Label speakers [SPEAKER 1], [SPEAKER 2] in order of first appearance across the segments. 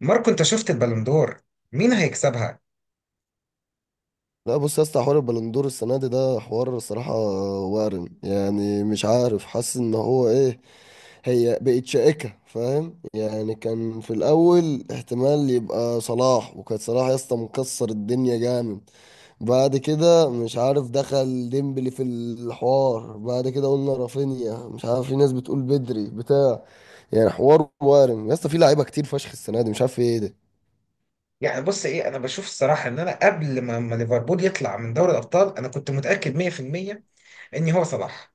[SPEAKER 1] ماركو، انت شفت البالندور؟ مين هيكسبها؟
[SPEAKER 2] لا، بص يا اسطى، حوار البلندور السنه دي ده حوار الصراحه وارم. يعني مش عارف، حاسس ان هو ايه. هي بقت شائكه، فاهم؟ يعني كان في الاول احتمال يبقى صلاح، وكان صلاح يا اسطى مكسر الدنيا جامد. بعد كده مش عارف، دخل ديمبلي في الحوار. بعد كده قلنا رافينيا، مش عارف، في ناس بتقول بدري بتاع. يعني حوار وارم يا اسطى، في لعيبه كتير فشخ السنه دي، مش عارف ايه ده.
[SPEAKER 1] يعني بص، ايه انا بشوف الصراحه ان انا قبل ما ليفربول يطلع من دوري الابطال انا كنت متاكد 100% ان هو صلاح.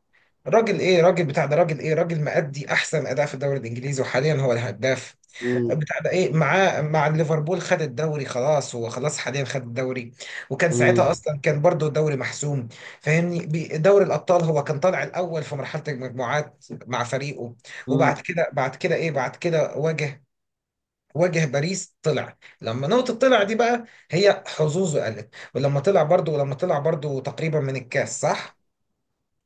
[SPEAKER 1] راجل ايه، راجل بتاع ده، راجل ايه، راجل مأدي احسن اداء في الدوري الانجليزي وحاليا هو الهداف
[SPEAKER 2] امم
[SPEAKER 1] بتاع ده. ايه معاه؟ مع ليفربول خد الدوري خلاص، هو خلاص حاليا خد الدوري. وكان ساعتها اصلا كان برضو الدوري محسوم. فاهمني؟ دوري الابطال هو كان طالع الاول في مرحله المجموعات مع فريقه. وبعد
[SPEAKER 2] امم
[SPEAKER 1] كده، بعد كده ايه بعد كده واجه باريس، طلع لما نقطة، طلع دي بقى، هي حظوظه قلت. ولما طلع برضو، تقريبا من الكاس، صح؟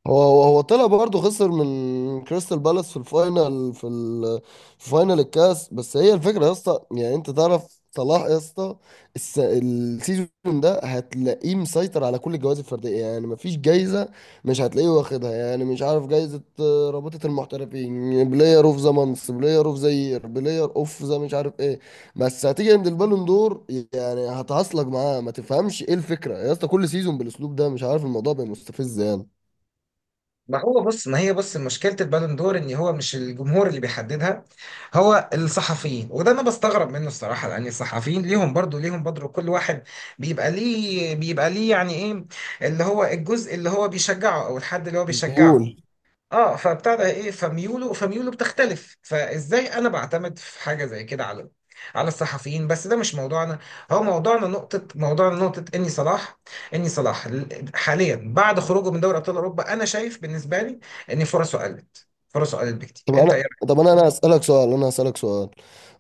[SPEAKER 2] هو طلع برضه، خسر من كريستال بالاس في الفاينل في فاينل الكاس. بس هي الفكره يا اسطى، يعني انت تعرف صلاح يا اسطى، السيزون ده هتلاقيه مسيطر على كل الجوائز الفرديه. يعني مفيش جايزه مش هتلاقيه واخدها. يعني مش عارف، جايزه رابطه المحترفين، بلاير اوف ذا مانس، بلاير اوف ذا يير، بلاير اوف ذا مش عارف ايه. بس هتيجي عند البالون دور، يعني هتعصلك معاه، ما تفهمش ايه الفكره يا اسطى. كل سيزون بالاسلوب ده، مش عارف، الموضوع بقى مستفز يعني.
[SPEAKER 1] ما هو بص، ما هي بص مشكلة البالون دور ان هو مش الجمهور اللي بيحددها، هو الصحفيين. وده انا بستغرب منه الصراحة، لان الصحفيين ليهم برضو كل واحد بيبقى ليه، يعني ايه اللي هو الجزء اللي هو بيشجعه، او الحد اللي هو
[SPEAKER 2] ميول.
[SPEAKER 1] بيشجعه. اه، فبتاع ده ايه، فميوله بتختلف. فازاي انا بعتمد في حاجه زي كده على الصحفيين؟ بس ده مش موضوعنا. هو موضوعنا نقطه، اني صلاح حاليا بعد خروجه من دوري ابطال اوروبا انا شايف بالنسبه لي ان فرصه قلت بكتير.
[SPEAKER 2] طب
[SPEAKER 1] انت ايه
[SPEAKER 2] انا،
[SPEAKER 1] رأيك؟
[SPEAKER 2] انا اسالك سؤال،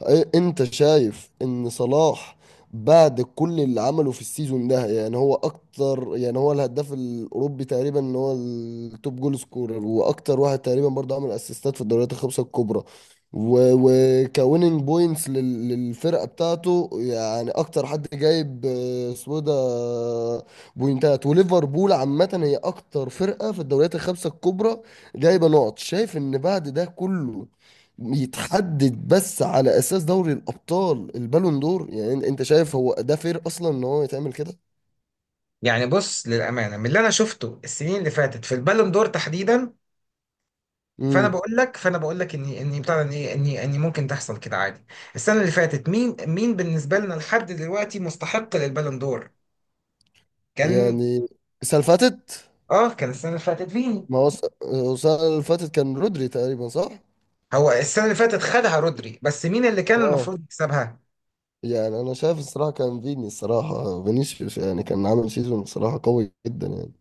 [SPEAKER 2] انت شايف ان صلاح بعد كل اللي عمله في السيزون ده، يعني هو اكتر، يعني هو الهداف الاوروبي تقريبا، ان هو التوب جول سكورر، واكتر واحد تقريبا برضه عمل اسيستات في الدوريات الخمسه الكبرى وكويننج بوينتس للفرقه بتاعته. يعني اكتر حد جايب آه، اسمه إيه ده آه، بوينتات. وليفربول عامه هي اكتر فرقه في الدوريات الخمسه الكبرى جايبه نقط. شايف ان بعد ده كله يتحدد بس على اساس دوري الابطال البالون دور، يعني انت شايف هو ده فير اصلا ان هو يتعمل كده؟
[SPEAKER 1] يعني بص، للامانه، من اللي انا شفته السنين اللي فاتت في البالون دور تحديدا،
[SPEAKER 2] امم.
[SPEAKER 1] فانا بقول لك اني اني بتاع ده، اني اني اني ممكن تحصل كده عادي. السنه اللي فاتت مين بالنسبه لنا لحد دلوقتي مستحق للبالون دور كان؟
[SPEAKER 2] يعني السنه اللي فاتت.
[SPEAKER 1] اه، كان السنه اللي فاتت فيني.
[SPEAKER 2] ما هو هو السنه اللي فاتت كان رودري تقريبا، صح؟
[SPEAKER 1] هو السنه اللي فاتت خدها رودري، بس مين اللي كان
[SPEAKER 2] اه.
[SPEAKER 1] المفروض يكسبها؟
[SPEAKER 2] يعني انا شايف الصراحه كان فيني، الصراحه فينيسيوس، يعني كان عامل سيزون الصراحه قوي جدا يعني.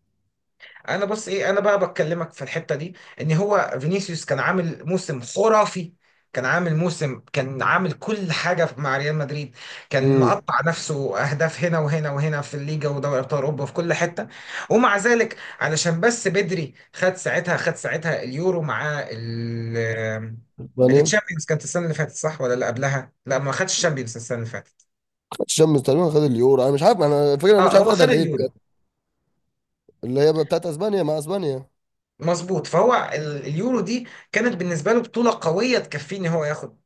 [SPEAKER 1] انا بس ايه، انا بقى بكلمك في الحته دي ان هو فينيسيوس كان عامل موسم خرافي. كان عامل كل حاجه مع ريال مدريد، كان
[SPEAKER 2] امم.
[SPEAKER 1] مقطع نفسه اهداف هنا وهنا وهنا في الليجا ودوري ابطال اوروبا في كل حته. ومع ذلك، علشان بس بدري، خد ساعتها، اليورو مع
[SPEAKER 2] اسبانيا ما
[SPEAKER 1] التشامبيونز. كانت السنه اللي فاتت، صح ولا اللي قبلها؟ لا، ما خدش الشامبيونز السنه اللي فاتت.
[SPEAKER 2] خدش شمس تقريبا، خد اليورو. انا مش عارف، انا الفكره، انا مش
[SPEAKER 1] اه،
[SPEAKER 2] عارف
[SPEAKER 1] هو
[SPEAKER 2] خدها
[SPEAKER 1] خد
[SPEAKER 2] ليه بجد.
[SPEAKER 1] اليورو.
[SPEAKER 2] اللي هي بتاعت اسبانيا، مع اسبانيا.
[SPEAKER 1] مظبوط. فهو اليورو دي كانت بالنسبه له بطوله قويه تكفيه ان هو ياخد،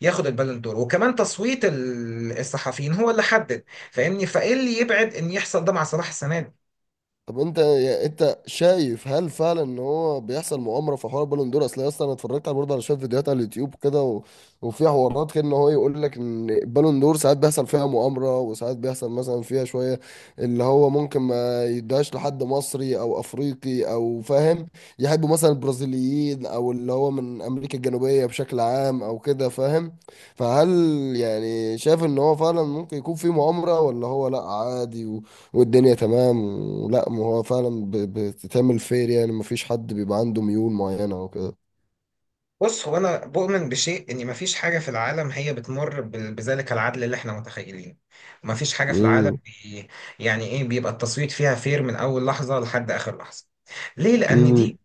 [SPEAKER 1] البالون دور. وكمان تصويت الصحفيين هو اللي حدد. فاهمني، فايه اللي يبعد ان يحصل ده مع صلاح السنه دي؟
[SPEAKER 2] طب انت يعني، انت شايف هل فعلا ان هو بيحصل مؤامره في حوار بالون دور؟ اصل يا اسطى انا اتفرجت على برضه، على شويه فيديوهات على اليوتيوب كده، و... وفي حوارات كده ان هو يقول لك ان البالون دور ساعات بيحصل فيها مؤامره، وساعات بيحصل مثلا فيها شويه اللي هو ممكن ما يدهاش لحد مصري او افريقي، او فاهم، يحبوا مثلا البرازيليين او اللي هو من امريكا الجنوبيه بشكل عام او كده، فاهم؟ فهل، يعني شايف ان هو فعلا ممكن يكون في مؤامره؟ ولا هو لا عادي والدنيا تمام؟ ولا ما هو فعلا بتتعمل فير، يعني مفيش حد بيبقى عنده ميول معينة وكده؟
[SPEAKER 1] بص، هو انا بؤمن بشيء، ان مفيش حاجه في العالم هي بتمر بذلك العدل اللي احنا متخيلينه. مفيش حاجه في
[SPEAKER 2] امم.
[SPEAKER 1] العالم يعني ايه، بيبقى التصويت فيها فير من اول لحظه لحد اخر لحظه؟ ليه؟
[SPEAKER 2] امم.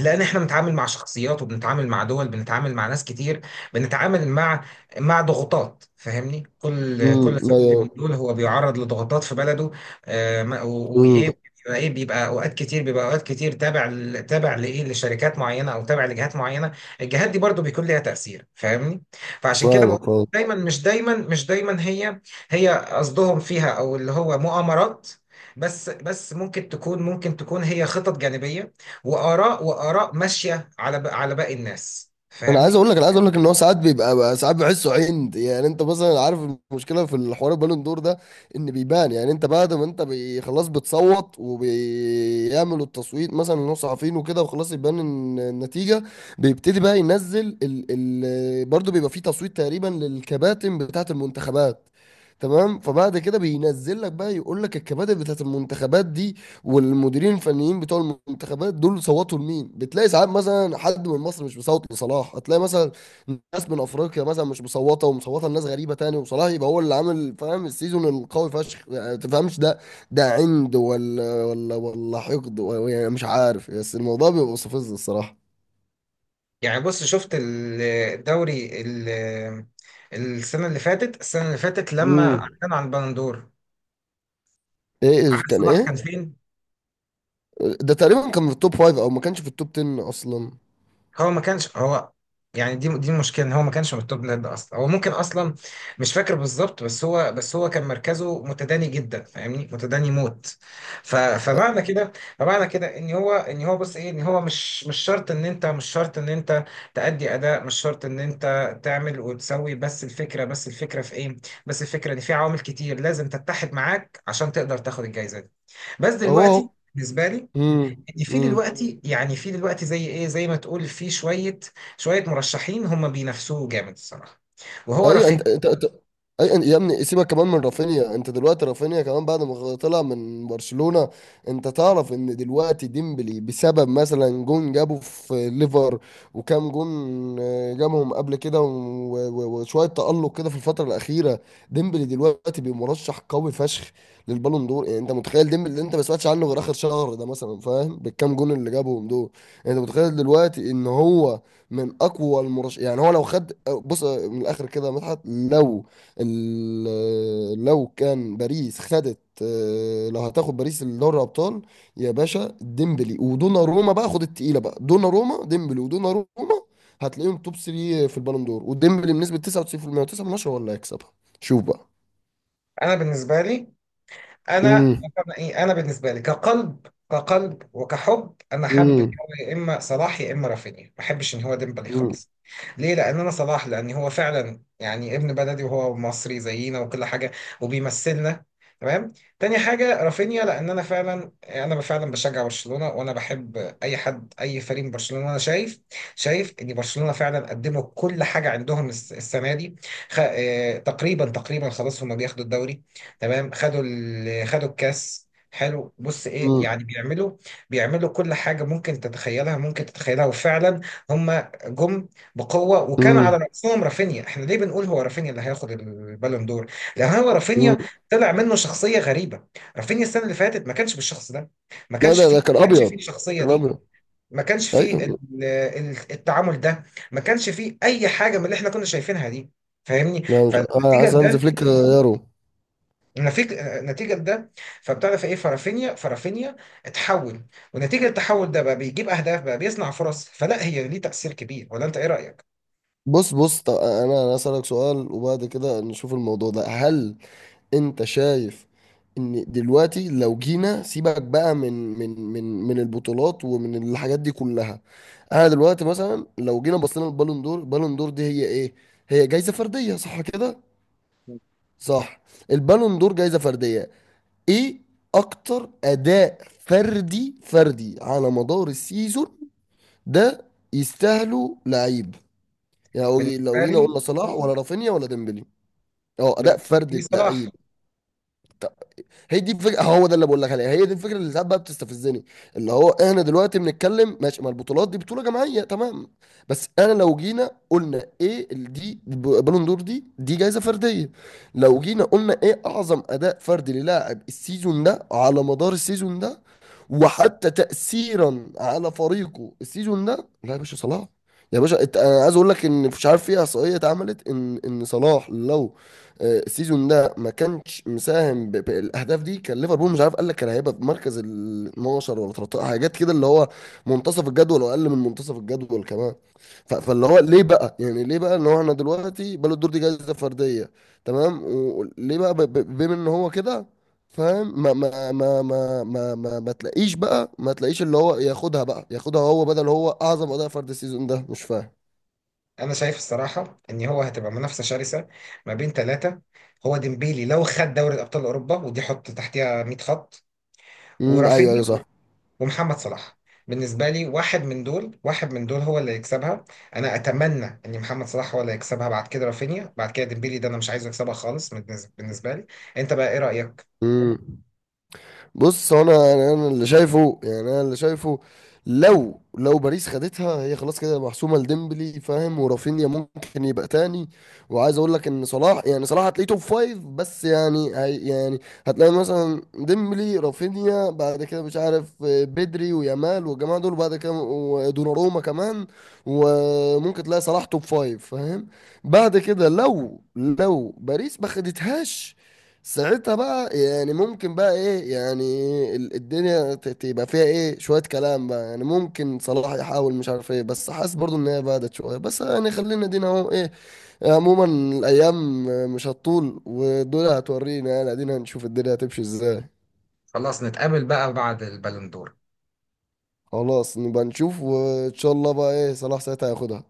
[SPEAKER 1] لان احنا بنتعامل مع شخصيات، وبنتعامل مع دول، بنتعامل مع ناس كتير، بنتعامل مع ضغوطات. فاهمني، كل
[SPEAKER 2] امم.
[SPEAKER 1] كل صحفي
[SPEAKER 2] ايوه.
[SPEAKER 1] من دول هو بيعرض لضغوطات في بلده.
[SPEAKER 2] امم.
[SPEAKER 1] وايه بيبقى ايه، بيبقى اوقات كتير تابع تابع لايه، لشركات معينه او تابع لجهات معينه. الجهات دي برضو بيكون ليها تاثير، فاهمني. فعشان كده بقول،
[SPEAKER 2] فاهمك.
[SPEAKER 1] دايما مش دايما مش دايما هي، قصدهم فيها او اللي هو مؤامرات، بس ممكن تكون، هي خطط جانبيه، واراء ماشيه على باقي الناس،
[SPEAKER 2] انا عايز
[SPEAKER 1] فاهمني.
[SPEAKER 2] اقول لك، ان هو ساعات بيبقى بقى، ساعات بحسه عند. يعني انت مثلا عارف المشكله في الحوار البالون دور ده، ان بيبان. يعني انت بعد ما انت خلاص بتصوت، وبيعملوا التصويت مثلا ان هو صحفيين وكده، وخلاص يبان ان النتيجه، بيبتدي بقى ينزل ال برضه، بيبقى فيه تصويت تقريبا للكباتن بتاعه المنتخبات، تمام؟ فبعد كده بينزل لك بقى، يقول لك الكباتن بتاعه المنتخبات دي والمديرين الفنيين بتوع المنتخبات دول صوتوا لمين. بتلاقي ساعات مثلا حد من مصر مش مصوت لصلاح، هتلاقي مثلا ناس من افريقيا مثلا مش مصوته، ومصوته لناس غريبه تاني، وصلاح يبقى هو اللي عامل، فاهم، السيزون القوي فشخ، يعني تفهمش ده. ده عند ولا، ولا حقد، ولا يعني مش عارف، بس الموضوع بيبقى مستفز الصراحه.
[SPEAKER 1] يعني بص، شفت الدوري السنه اللي فاتت، لما
[SPEAKER 2] امم.
[SPEAKER 1] كان عن البندور،
[SPEAKER 2] ايه
[SPEAKER 1] عارف
[SPEAKER 2] كان
[SPEAKER 1] صلاح كان
[SPEAKER 2] ايه؟
[SPEAKER 1] فين؟
[SPEAKER 2] ده تقريبا كان في التوب فايف، او ما كانش في التوب 10 اصلا.
[SPEAKER 1] هو ما كانش، يعني دي المشكله، ان هو ما كانش من التوب لاند اصلا. هو ممكن اصلا مش فاكر بالظبط، بس هو، كان مركزه متداني جدا، فاهمني، متداني موت. ف فمعنى كده فمعنى كده ان هو، بص ايه، ان هو مش شرط ان انت، تأدي اداء، مش شرط ان انت تعمل وتسوي. بس الفكره، في ايه؟ بس الفكره ان في عوامل كتير لازم تتحد معاك عشان تقدر تاخد الجائزه دي. بس
[SPEAKER 2] اهو
[SPEAKER 1] دلوقتي
[SPEAKER 2] اهو.
[SPEAKER 1] بالنسبه لي، في
[SPEAKER 2] امم.
[SPEAKER 1] دلوقتي يعني، في دلوقتي زي ايه، زي ما تقول، في شويه، مرشحين هم بينافسوه جامد الصراحه، وهو
[SPEAKER 2] ايوه.
[SPEAKER 1] رفيق.
[SPEAKER 2] انت يا ابني سيبك كمان من رافينيا. انت دلوقتي رافينيا كمان بعد ما طلع من برشلونة، انت تعرف ان دلوقتي ديمبلي بسبب مثلا جون جابه في ليفر وكام جون جابهم قبل كده، وشوية تألق كده في الفترة الأخيرة. ديمبلي دلوقتي بمرشح قوي فشخ للبالون دور. يعني انت متخيل ديمبلي اللي انت ما سمعتش عنه غير آخر شهر ده مثلا، فاهم، بالكام جون اللي جابهم دول. يعني انت متخيل دلوقتي ان هو من اقوى المرشح؟ يعني هو لو خد، بص من الاخر كده يا مدحت، لو لو كان باريس خدت، لو هتاخد باريس الدوري الابطال يا باشا، ديمبلي ودوناروما بقى خد التقيله بقى. دوناروما، ديمبلي ودوناروما هتلاقيهم توب 3 في البالون دور، وديمبلي بنسبه 99% و9 من 10 ولا هيكسبها. شوف بقى.
[SPEAKER 1] انا بالنسبه لي، انا
[SPEAKER 2] امم.
[SPEAKER 1] انا بالنسبه لي كقلب، وكحب، انا حابب ان
[SPEAKER 2] امم.
[SPEAKER 1] هو يا اما صلاح يا اما رافينيا، ما بحبش ان هو ديمبلي خالص. ليه؟ لان انا صلاح، لان هو فعلا يعني ابن بلدي، وهو مصري زينا وكل حاجه، وبيمثلنا. تمام. تاني حاجه رافينيا، لان انا فعلا، بشجع برشلونه، وانا بحب اي حد، اي فريق من برشلونه، وانا شايف، ان برشلونه فعلا قدموا كل حاجه عندهم السنه دي. خ... آه، تقريبا، خلاص هم بياخدوا الدوري، تمام، خدوا الكاس. حلو، بص ايه
[SPEAKER 2] امم.
[SPEAKER 1] يعني، بيعملوا، كل حاجه ممكن تتخيلها، وفعلا هم جم بقوه، وكان على
[SPEAKER 2] امم.
[SPEAKER 1] راسهم رافينيا. احنا ليه بنقول هو رافينيا اللي هياخد البالون دور؟ لان هو
[SPEAKER 2] امم.
[SPEAKER 1] رافينيا طلع منه شخصيه غريبه. رافينيا السنه اللي فاتت ما كانش بالشخص ده،
[SPEAKER 2] لا، ده كان
[SPEAKER 1] ما كانش
[SPEAKER 2] ابيض،
[SPEAKER 1] فيه الشخصيه
[SPEAKER 2] كان
[SPEAKER 1] دي،
[SPEAKER 2] ابيض.
[SPEAKER 1] ما كانش فيه
[SPEAKER 2] ايوه.
[SPEAKER 1] التعامل ده، ما كانش فيه اي حاجه من اللي احنا كنا شايفينها دي، فاهمني.
[SPEAKER 2] لا، مش، انا عايز هانز فليك يارو
[SPEAKER 1] نتيجة لده، فبتعرف ايه، فرافينيا اتحول، ونتيجة التحول ده بقى بيجيب اهداف، بقى بيصنع فرص. فلا هي ليه تأثير كبير، ولا انت ايه رأيك؟
[SPEAKER 2] بص، بص، طب انا اسالك سؤال، وبعد كده نشوف الموضوع ده. هل انت شايف ان دلوقتي لو جينا، سيبك بقى من البطولات ومن الحاجات دي كلها، انا دلوقتي مثلا لو جينا بصينا للبالون دور، البالون دور دي هي ايه؟ هي جايزة فردية، صح كده؟ صح. البالون دور جايزة فردية. ايه؟ اكتر اداء فردي على مدار السيزون ده. يستاهلوا لعيب. يعني لو لو
[SPEAKER 1] بالنسبة
[SPEAKER 2] جينا
[SPEAKER 1] لي
[SPEAKER 2] قلنا صلاح ولا رافينيا ولا ديمبلي، اه اداء
[SPEAKER 1] بالنسبة
[SPEAKER 2] فردي
[SPEAKER 1] لي صلاح.
[SPEAKER 2] اللعيب. طب. هي دي الفكره، هو ده اللي بقول لك عليها، هي دي الفكره اللي ساعات بقى بتستفزني. اللي هو احنا دلوقتي بنتكلم ماشي، ما البطولات دي بطوله جماعيه، تمام. بس انا لو جينا قلنا ايه دي بالون دور، دي جائزه فرديه. لو جينا قلنا ايه اعظم اداء فردي للاعب السيزون ده، على مدار السيزون ده، وحتى تاثيرا على فريقه السيزون ده، لا يا باشا صلاح. يا باشا انا عايز اقول لك ان مش عارف في احصائيه اتعملت ان صلاح لو السيزون ده ما كانش مساهم بالاهداف دي، كان ليفربول، مش عارف، قال لك كان هيبقى في مركز ال 12 ولا 13، حاجات كده، اللي هو منتصف الجدول واقل من منتصف الجدول كمان. فاللي هو ليه بقى، يعني ليه بقى ان هو احنا دلوقتي بالون دور دي جائزه فرديه تمام، وليه بقى بما ان هو كده، فاهم، ما تلاقيش بقى، ما تلاقيش اللي هو ياخدها بقى، ياخدها هو بدل هو اعظم اداء فرد السيزون ده، مش فاهم.
[SPEAKER 1] أنا شايف الصراحة إن هو هتبقى منافسة شرسة ما بين ثلاثة. هو ديمبيلي لو خد دوري أبطال أوروبا ودي حط تحتها 100 خط،
[SPEAKER 2] امم. ايوه
[SPEAKER 1] ورافينيا،
[SPEAKER 2] ايوه صح.
[SPEAKER 1] ومحمد صلاح. بالنسبة لي واحد من دول، هو اللي يكسبها. أنا أتمنى إن محمد صلاح هو اللي يكسبها، بعد كده رافينيا، بعد كده ديمبيلي. ده أنا مش عايزه يكسبها خالص، بالنسبة لي. أنت بقى إيه رأيك؟
[SPEAKER 2] امم. بص، هو انا انا أنا اللي شايفه، يعني انا اللي شايفه، لو باريس خدتها هي خلاص كده محسومه لديمبلي، فاهم، ورافينيا ممكن يبقى تاني. وعايز اقول لك ان صلاح، يعني صلاح هتلاقيه توب فايف بس يعني، هي يعني هتلاقي مثلا ديمبلي، رافينيا، بعد كده مش عارف بدري ويامال والجماعه دول، بعد كده ودوناروما كمان. وممكن تلاقي صلاح توب فايف فاهم. بعد كده لو باريس ما خدتهاش، ساعتها بقى يعني ممكن بقى ايه، يعني الدنيا تبقى فيها ايه شوية كلام بقى، يعني ممكن صلاح يحاول، مش عارف ايه، بس حاسس برضو ان هي بعدت شوية. بس يعني خلينا، دينا اهو، ايه، عموما الايام مش هتطول، ودول هتورينا، يعني ادينا هنشوف الدنيا هتمشي ازاي.
[SPEAKER 1] خلاص، نتقابل بقى بعد البالون دور.
[SPEAKER 2] خلاص نبقى نشوف، وان شاء الله بقى ايه صلاح ساعتها هياخدها.